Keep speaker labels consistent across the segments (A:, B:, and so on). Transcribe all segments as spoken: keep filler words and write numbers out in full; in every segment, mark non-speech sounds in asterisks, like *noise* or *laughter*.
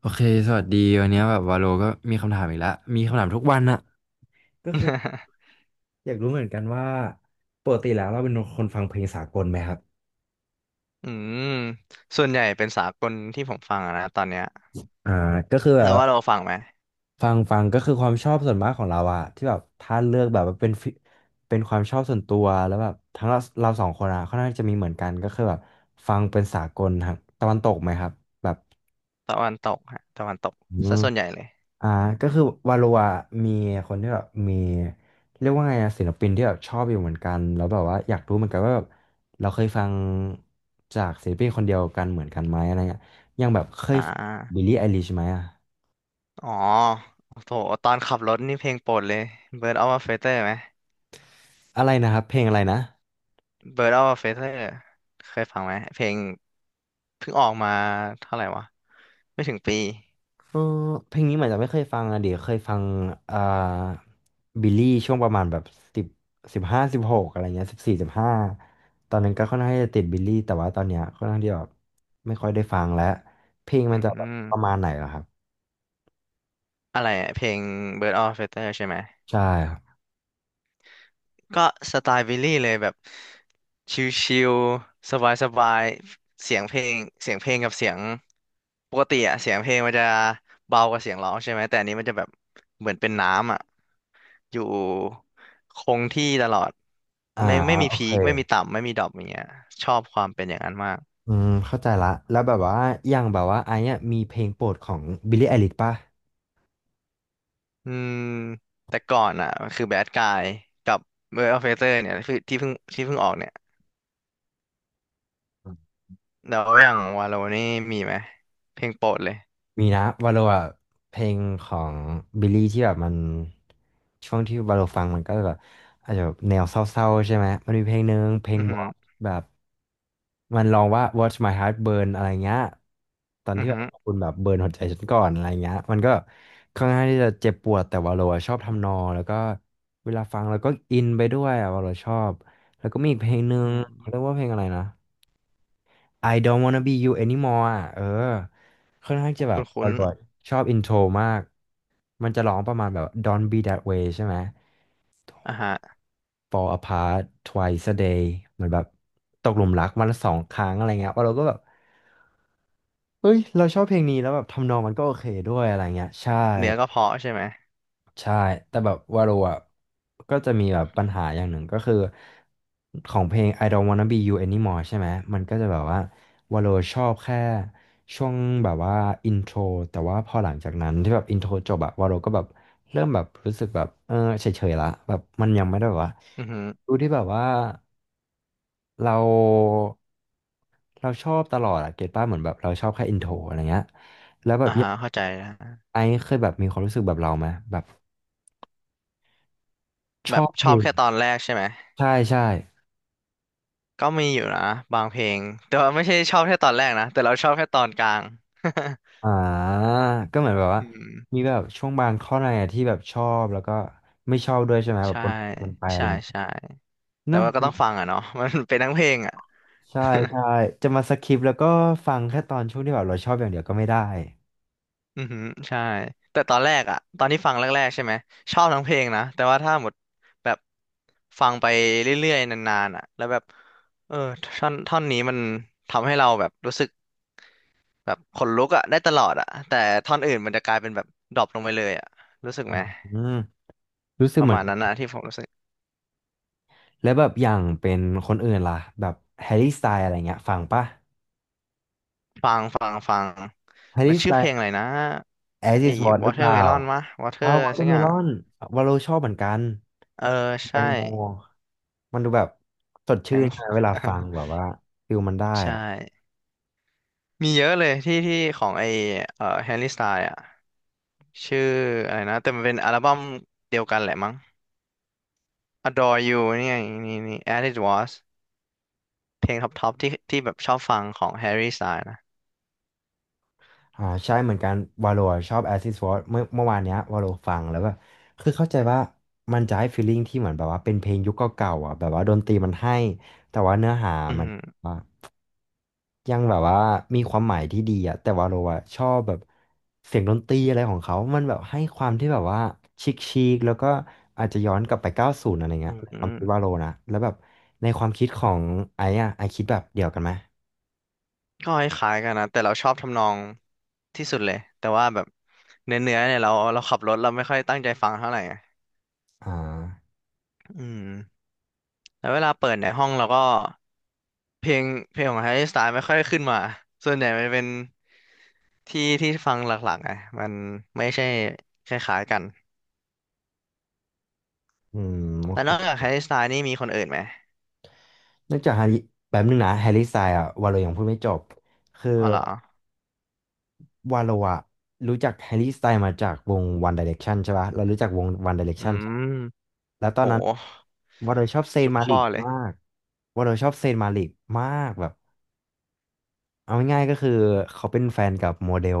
A: โอเคสวัสดีวันนี้แบบวาโลก็มีคำถามอีกแล้วมีคำถามทุกวันอะก็คืออยากรู้เหมือนกันว่าปกติแล้วเราเป็นคนฟังเพลงสากลไหมครับ
B: *laughs* อืมส่วนใหญ่เป็นสากลที่ผมฟังอะนะตอนเนี้ย
A: อ่าก็คือแบ
B: แล้
A: บ
B: วว่าเราฟังไหม
A: ฟังฟังก็คือความชอบส่วนมากของเราอะที่แบบถ้าเลือกแบบว่าเป็นฟิเป็นความชอบส่วนตัวแล้วแบบทั้งเราเราสองคนอะค่อนข้างจะมีเหมือนกันก็คือแบบฟังเป็นสากลทางตะวันตกไหมครับแบบ
B: ตะวันตกฮะตะวันตก
A: อืม
B: ซะส่วนใหญ่เลย
A: อ่าก็คือวาโลอะมีคนที่แบบมีเรียกว่าไงอะศิลปินที่แบบชอบอยู่เหมือนกันแล้วแบบว่าอยากรู้เหมือนกันว่าแบบเราเคยฟังจากศิลปินคนเดียวกันเหมือนกันไหมอะไรเงี้ยอย่างแบบเค
B: อ่
A: ยบิ
B: า
A: ลลี่ไอลิชไหมอะ
B: อ๋อโอ้โหตอนขับรถนี่เพลงโปรดเลย Bird of a Feather ไหม
A: อะไรนะครับเพลงอะไรนะ
B: Bird of a Feather เคยฟังไหมเพลงเพิ่งออกมาเท่าไหร่วะไม่ถึงปี
A: เออเพลงนี้เหมือนจะไม่เคยฟังอะเดี๋ยวเคยฟังอ่าบิลลี่ช่วงประมาณแบบสิบสิบห้าสิบหกอะไรเงี้ยสิบสี่สิบห้าตอนนั้นก็ค่อนข้างที่จะติดบิลลี่แต่ว่าตอนเนี้ยค่อนข้างที่แบบไม่ค่อยได้ฟังแล้วเพลงมั
B: อื
A: นจะแบบ
B: ม
A: ประมาณไหนเหรอครับ
B: อะไรอะเพลง Bird of a Feather ใช่ไหม
A: ใช่ครับ
B: ก็สไตล์บิลลี่เลยแบบชิลๆสบายๆเสียงเพลงเสียงเพลงกับเสียงปกติอะเสียงเพลงมันจะเบากว่าเสียงร้องใช่ไหมแต่อันนี้มันจะแบบเหมือนเป็นน้ำอะอยู่คงที่ตลอด
A: อ่า
B: ไม่ไม่มี
A: โอ
B: พี
A: เค
B: คไม่มีต่ำไม่มีดรอปอย่างเงี้ยชอบความเป็นอย่างนั้นมาก
A: อืมเข้าใจละแล้วแบบว่าอย่างแบบว่าไอ้เนี่ยมีเพลงโปรดของบิลลี่ไอริชป่ะ
B: อืมแต่ก่อนอ่ะคือแบดกายกับเวอร์เฟเตอร์เนี่ยคือที่เพิ่งที่เพิ่งออกเนี่ยแล้วอย่างวาโลนี่มีไหมเพลงโปรดเลย
A: มีนะวาโลอ่ะเพลงของบิลลี่ที่แบบมันช่วงที่วาโลฟังมันก็แบบอาจจะแบบแนวเศร้าๆใช่ไหมมันมีเพลงหนึ่งเพลง
B: อือ
A: บ
B: หื
A: อ
B: อ
A: กแบบมันร้องว่า Watch My Heart Burn อะไรเงี้ยตอน
B: อื
A: ที่
B: อ
A: แบ
B: หื
A: บ
B: อ
A: คุณแบบเบิร์นหัวใจฉันก่อนอะไรเงี้ยมันก็ค่อนข้างที่จะเจ็บปวดแต่วาโลอ่ะชอบทำนองแล้วก็เวลาฟังแล้วก็อินไปด้วยอ่ะวาโลชอบแล้วก็มีอีกเพลงหนึ่
B: อื
A: ง
B: ม
A: เขาเรียกว่าเพลงอะไรนะ I don't wanna be you anymore อ่ะเออค่อนข้างจะแบบอ
B: คุ้น
A: ร่อยชอบอินโทรมากมันจะร้องประมาณแบบ Don't be that way ใช่ไหม
B: ๆอ่าฮะ
A: Fall apart twice a day เหมือนแบบตกหลุมรักวันละสองครั้งอะไรเงี้ยว่าเราก็แบบเฮ้ยเราชอบเพลงนี้แล้วแบบทำนองมันก็โอเคด้วยอะไรเงี้ยใช่
B: เนื้อก็เพาะใช่ไหม
A: ใช่ แต่แบบวาโรอ่ะก็จะมีแบบปัญหาอย่างหนึ่งก็คือของเพลง I don't wanna be you anymore ใช่ไหมมันก็จะแบบว่าวาโรชอบแค่ช่วงแบบว่าอินโทรแต่ว่าพอหลังจากนั้นที่แบบอินโทรจบอะวาโรก็แบบเริ่มแบบรู้สึกแบบเออเฉยๆละแบบมันยังไม่ได้แบบว่า
B: อือฮึ
A: ดูที่แบบว่าเราเราชอบตลอดอะเก็ตป้าเหมือนแบบเราชอบแค่อินโทรอะไรเงี้ยแล้วแบบ
B: อ่าฮะเข้าใจนะ
A: ไอซ์เคยแบบมีความรู้สึกแบบเราไหมแบบช
B: แบ
A: อ
B: บ
A: บเพ
B: ช
A: ล
B: อบ
A: ง
B: แค่ตอนแรกใช่ไหม
A: ใช่ใช่
B: ก็มีอยู่นะบางเพลงแต่ว่าไม่ใช่ชอบแค่ตอนแรกนะแต่เราชอบแค่ตอนกลาง
A: อ่าก็เหมือนแบบ
B: *laughs*
A: ว่า
B: อืม
A: มีแบบช่วงบางข้อในอะที่แบบชอบแล้วก็ไม่ชอบด้วยใช่ไหมแบบ
B: ใช่
A: ปนกันไปอะไร
B: ใช่ใช่แต่
A: เนาะ
B: ว่าก็ต้องฟังอ่ะเนาะ *laughs* มันเป็นทั้งเพลงอ่ะ
A: ใช่ใช่
B: *laughs*
A: จะมาสคิปแล้วก็ฟังแค่ตอนช่วงที่แบบเราชอบอย่างเดียวก็ไม่ได้
B: อือฮึใช่แต่ตอนแรกอ่ะตอนที่ฟังแรกๆใช่ไหมชอบทั้งเพลงนะแต่ว่าถ้าหมดแบบฟังไปเรื่อยๆนานๆอ่ะแล้วแบบเออท่อนท่อนนี้มันทำให้เราแบบรู้สึก แบบขนลุกอะได้ตลอดอะแต่ท่อนอื่นมันจะกลายเป็นแบบดรอปลงไปเลยอะรู้สึก
A: อ
B: ไหม
A: ืมรู้สึ
B: ป
A: ก
B: ระ
A: เหมือ
B: มา
A: น
B: ณ
A: กั
B: นั้นนะ
A: น
B: ที่ผมรู้สึก
A: แล้วแบบอย่างเป็นคนอื่นล่ะแบบแฮร์รี่สไตล์อะไรเงี้ยฟังปะ
B: ฟังฟังฟัง
A: แฮร์
B: มัน
A: รี่ส
B: ชื่
A: ไต
B: อเพล
A: ล์
B: งอะไรนะไอ้
A: As is What หรือเปล่า
B: Watermelon มะ Water
A: How
B: สักอย่าง
A: Watermelon วาโลชอบเหมือนกัน
B: เออ
A: แต
B: ใช่
A: งโมมันดูแบบสด
B: แต
A: ชื่
B: ง
A: นใช่ไหม
B: โม
A: เวลาฟังแบบว่าฟิลมันได้
B: *laughs* ใช่
A: อะ
B: มีเยอะเลยที่ที่ของไอ้เอ่อแฮร์รี่สไตล์อะชื่ออะไรนะแต่มันเป็นอัลบั้มเดียวกันแหละมั้ง Adore You นี่ไงนี่นี่ As It Was เพลงท็อปท็อปที่ที่แบบชอบฟังของแฮร์รี่สไตล์นะ
A: อ่าใช่เหมือนกันวาโลชอบแอซิสฟอร์เมื่อเมื่อวานเนี้ยวาโลฟังแล้วแบบคือเข้าใจว่ามันจะให้ฟีลลิ่งที่เหมือนแบบว่าเป็นเพลงยุคเก่าๆอ่ะแบบว่าดนตรีมันให้แต่ว่าเนื้อหา
B: อื
A: มัน
B: ม
A: ยังแบบว่ามีความหมายที่ดีอะแต่ว่าเราอะชอบแบบเสียงดนตรีอะไรของเขา มันแบบให้ความที่แบบว่าชิคชิคแล้วก็อาจจะย้อนกลับไปเก้าสิบอะไร
B: อ
A: เงี้ย
B: ื
A: ความคิดว่า
B: ม
A: โลนะแล้วแบบในความคิดของไอ้อะไอคิดแบบเดียวกันไหม
B: ก็คล้ายๆกันนะแต่เราชอบทำนองที่สุดเลยแต่ว่าแบบเนื้อเนื้อเนี่ยเราเราขับรถเราไม่ค่อยตั้งใจฟังเท่าไหร่ไง
A: อ่า
B: อืมแล้วเวลาเปิดในห้องเราก็เพลงเพลงของแฮร์รี่สไตล์ไม่ค่อยขึ้นมาส่วนใหญ่มันเป็นที่ที่ฟังหลักๆไงมันไม่ใช่คล้ายๆกัน
A: อืมโอ
B: แล้ว
A: เค
B: นอกจากแฮร์รี่สไตล์นี่มีคนอื่นไหม
A: นอกจากฮาริแป๊บนึงนะแฮร์รี่สไตล์อะวาโลยังพูดไม่จบคือ
B: อ๋อเหรอ
A: วาโลอะรู้จักแฮร์รี่สไตล์มาจากวง One Direction ใช่ปะเรารู้จักวง One
B: อื
A: Direction ใช่
B: ม
A: แล้วตอ
B: โห
A: นนั้นวาโลชอบเซน
B: จุก
A: มาลิ
B: พ่อ
A: ก
B: เลย
A: มากวาโลชอบเซนมาลิกมากแบบเอาง่ายๆก็คือเขาเป็นแฟนกับโมเดล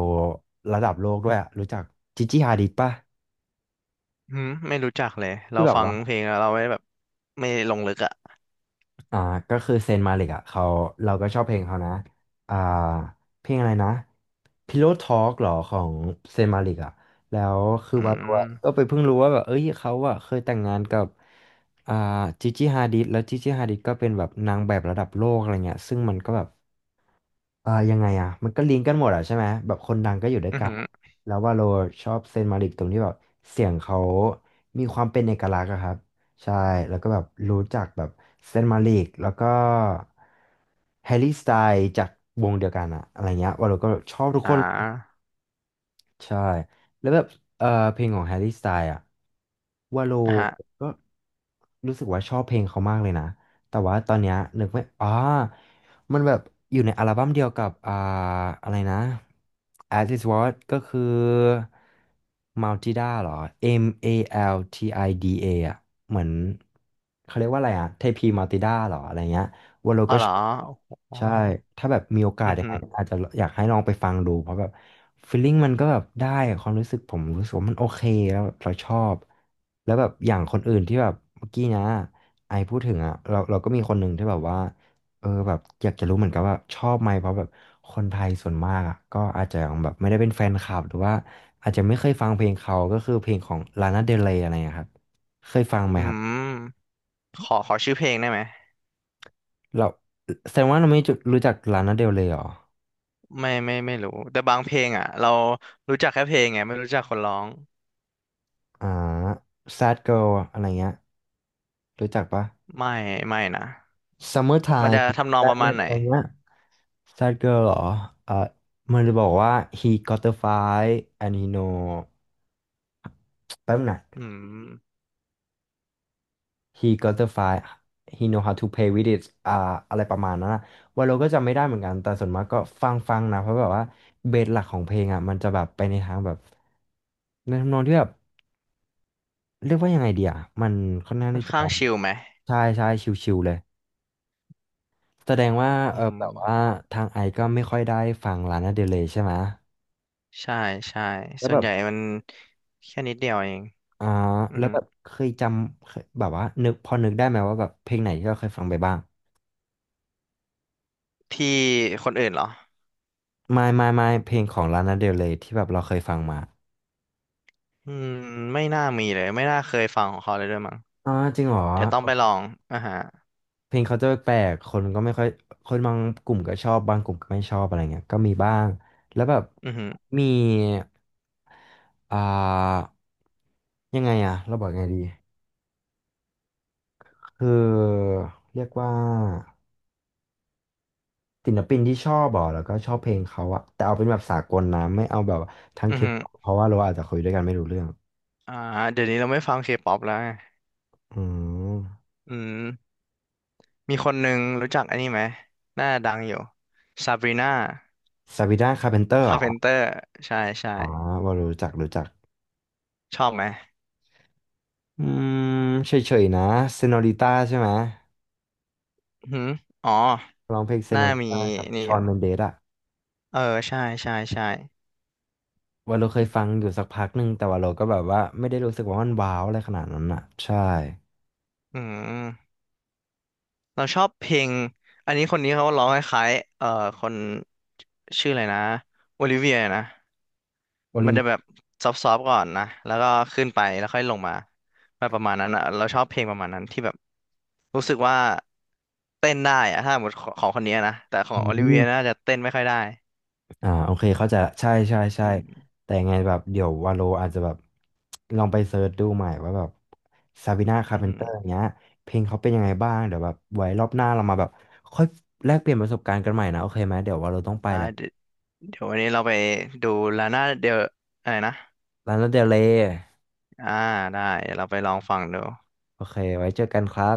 A: ระดับโลกด้วยอะรู้จักจิจิฮาดิดปะ
B: อืมไม่รู้จักเลยเรา
A: ที่แบบ
B: ฟัง
A: ว่า
B: เพลงแล้วเราไม่แบบไม่ลงลึกอ่ะ
A: อ่าก็คือเซนมาลิกอ่ะเขาเราก็ชอบเพลงเขานะอ่าเพลงอะไรนะ Pillow Talk หรอของเซนมาลิกอ่ะแล้วคือ
B: อื
A: วาโรอะ
B: ม
A: ก็ไปเพิ่งรู้ว่าแบบเอ้ยเขาอ่ะเคยแต่งงานกับอ่าจิจิฮาดิดแล้วจิจิฮาดิดก็เป็นแบบนางแบบระดับโลกอะไรเงี้ยซึ่งมันก็แบบ เอ่อยังไงอ่ะมันก็ลิงก์กันหมดอ่ะใช่ไหมแบบคนดังก็อยู่ด้วย
B: อือ
A: กัน
B: หือ
A: แล้วว่าโลชอบเซนมาริกตรงที่แบบเสียงเขามีความเป็นเอกลักษณ์อะครับใช่แล้วก็แบบรู้จักแบบเซนมาริกแล้วก็แฮร์รี่สไตล์จากวงเดียวกันอะอะไรเงี้ยว่าโลก็ชอบทุก
B: อ่
A: คน
B: า
A: ใช่แล้วแบบเออเพลงของแฮร์รี่สไตล์อะวาโล
B: อ่าฮะ
A: ก็รู้สึกว่าชอบเพลงเขามากเลยนะแต่ว่าตอนเนี้ยนึกไม่อ๋อมันแบบอยู่ในอัลบั้มเดียวกับอ่าอะไรนะ As Is What ก็คือ Maltida เหรอ M A L T I D A อลทีไอดีเออ่ะเหมือนเขาเรียกว่าอะไรอ่ะเทพีมัลติด้าเหรออะไรเงี้ยวาโล
B: อ๋อ
A: ก็
B: เหร
A: ช
B: อ
A: อบ
B: โอ้โห
A: ใช่ ถ้าแบบมีโอกาส
B: อือ
A: ยัง
B: หื
A: ไง
B: อ
A: อาจจะอยากให้ลองไปฟังดูเพราะแบบฟีลลิ่งมันก็แบบได้อความรู้สึกผมรู้สึกว่ามันโอเคแล้วแบบเราชอบแล้วแบบอย่างคนอื่นที่แบบเมื่อกี้นะไอพูดถึงอ่ะเราเราก็มีคนหนึ่งที่แบบว่าเออแบบอยากจะรู้เหมือนกันว่าชอบไหมเพราะแบบคนไทยส่วนมากอ่ะก็อาจจะยังแบบไม่ได้เป็นแฟนคลับหรือว่าอาจจะไม่เคยฟังเพลงเขาก็คือเพลงของลานาเดลเรยอะไรนะครับเคยฟังไหม
B: อื
A: ครับ
B: มขอขอชื่อเพลงได้ไหม
A: เราแสดงว่าเราไม่รู้จักลานาเดลเรยหรอ
B: ไม่ไม่ไม่รู้แต่บางเพลงอ่ะเรารู้จักแค่เพลงไงไม่รู้จักคนร้อง
A: อ่า Sad Girl อะไรเงี้ยรู้จักปะ
B: ไม่ไม่นะ มัน
A: Summertime
B: จะทำนองประมาณ
A: Sadness
B: ไหน
A: อะไรเงี้ย Sad Girl เหรอเอ่อมันจะบอกว่า he got the fight and he know แป๊บหนะ
B: อืม
A: he got the fight he know how to play with it อ่าอะไรประมาณนั้นนะว่าเราก็จำไม่ได้เหมือนกันแต่ส่วนมากก็ฟังฟังนะเพราะแบบว่าเบสหลักของเพลงอ่ะมันจะแบบไปในทางแบบในทำนองที่แบบเรียกว่ายังไงดีอ่ะมันค่อนข้าง
B: ค่อน
A: ที่จะ
B: ข้างชิลไหม
A: ใช่ใช่ชิวๆเลย แสดงว่า
B: อื
A: เออ
B: ม
A: แบบว่าทางไอซ์ก็ไม่ค่อยได้ฟังลานาเดลเรย์ใช่ไหม
B: ใช่ใช่
A: แล้ว
B: ส่
A: แบ
B: วน
A: บ
B: ใหญ่มันแค่นิดเดียวเอง
A: อ่า
B: อือ
A: แล้ว
B: หือ
A: แบบเคยจำเคยแบบว่านึกพอนึกได้ไหมว่าแบบเพลงไหนที่เราเคยฟังไปบ้าง
B: ที่คนอื่นเหรอ
A: ไม่ไม่ไม่เพลงของลานาเดลเรย์ที่แบบเราเคยฟังมา
B: อืมไม่น่ามีเลยไม่น่าเคยฟังของเขาเลยด้วยมั้ง
A: อ๋อจริงเหรอ
B: เดี๋ยวต้องไปลอง อ่าฮะ
A: เพลงเขาจะแปลกๆคนก็ไม่ค่อยคนบางกลุ่มก็ชอบบางกลุ่มก็ไม่ชอบอะไรเงี้ยก็มีบ้างแล้วแบบ
B: อือหือ
A: มีอ่ายังไงอะเราบอกยังไงดีคือเรียกว่า ศิลปินที่ชอบอ่ะแล้วก็ชอบเพลงเขาอะแต่เอาเป็นแบบสากลนะไม่เอาแบบทั้ง
B: อื
A: เค
B: อ
A: ป
B: หือ
A: เพราะว่าเราอาจจะคุยด้วยกันไม่รู้เรื่อง
B: อ่าเดี๋ยวนี้เราไม่ฟังเคป๊อปแล้วไง
A: อืม
B: อืม มีคนหนึ่งรู้จักอันนี้ไหมหน้าดังอยู่ซาบรีนา
A: ซาบีนาคาร์เพนเตอร์เหร
B: คา
A: อ
B: ร์เพนเตอร์ใช่ใช่
A: อ๋อว่ารู้จักรู้จัก
B: ชอบไหม
A: อืมเฉยๆนะเซโนริต้าใช่ไหม
B: อือหืออ๋อ
A: ร้องเพลงเซ
B: ห
A: โน
B: น้า
A: ริ
B: มี
A: ต้ากับ
B: นี่
A: ช
B: อ
A: อน
B: ยู่
A: เมนเดสอะ
B: เออ ใช่ใช่ใช่
A: ว่าเราเคยฟังอยู่สักพักหนึ่งแต่ว่าเราก็แบบว่าไม่ได้รู้สึกว่ามันว้าวอะไรขนาดนั้นอะใช่
B: อืม เราชอบเพลงอันนี้คนนี้เขาร้องคล้ายๆเอ่อคนชื่ออะไรนะโอลิเวียนะ
A: โอลิ
B: มัน
A: เว
B: จะแบบซอฟๆก่อนนะแล้วก็ขึ้นไปแล้วค่อยลงมาแบบประมาณนั้นอ่ะเราชอบเพลงประมาณนั้นที่แบบรู้สึกว่าเต้นได้อะถ้าหมดของคนนี้นะแต่ของ
A: ี
B: โอลิ
A: ย
B: เวียน่าจะเต้นไม่ค่อยได้
A: อ่าโอเคเขาใจะใช่ใช่
B: อื
A: ใช่
B: ม
A: แต่ยังไงแบบเดี๋ยววาโลอาจจะแบบลองไปเซิร์ชดูใหม่ว่าแบบซา b ิน่าคา
B: อื
A: ร์
B: อ
A: เพน
B: หื
A: เต
B: อ
A: อร์เงี้ยเพลงเขาเป็นยังไงบ้างเดี๋ยวแบบไว้รอบหน้าเรามาแบบค่อยแลกเปลี่ยนประสบการณ์กันใหม่นะโอเคไหมเดี๋ยววาโลต้องไป
B: อ่า
A: แล้ว
B: เดี๋ยวเดี๋ยววันนี้เราไปดูลาน่าเดลอะไรนะ
A: ลานาเดลเลย
B: อ่าได้เดี๋ยวเราไปลองฟังดู
A: โอเคไว้เจอกันครับ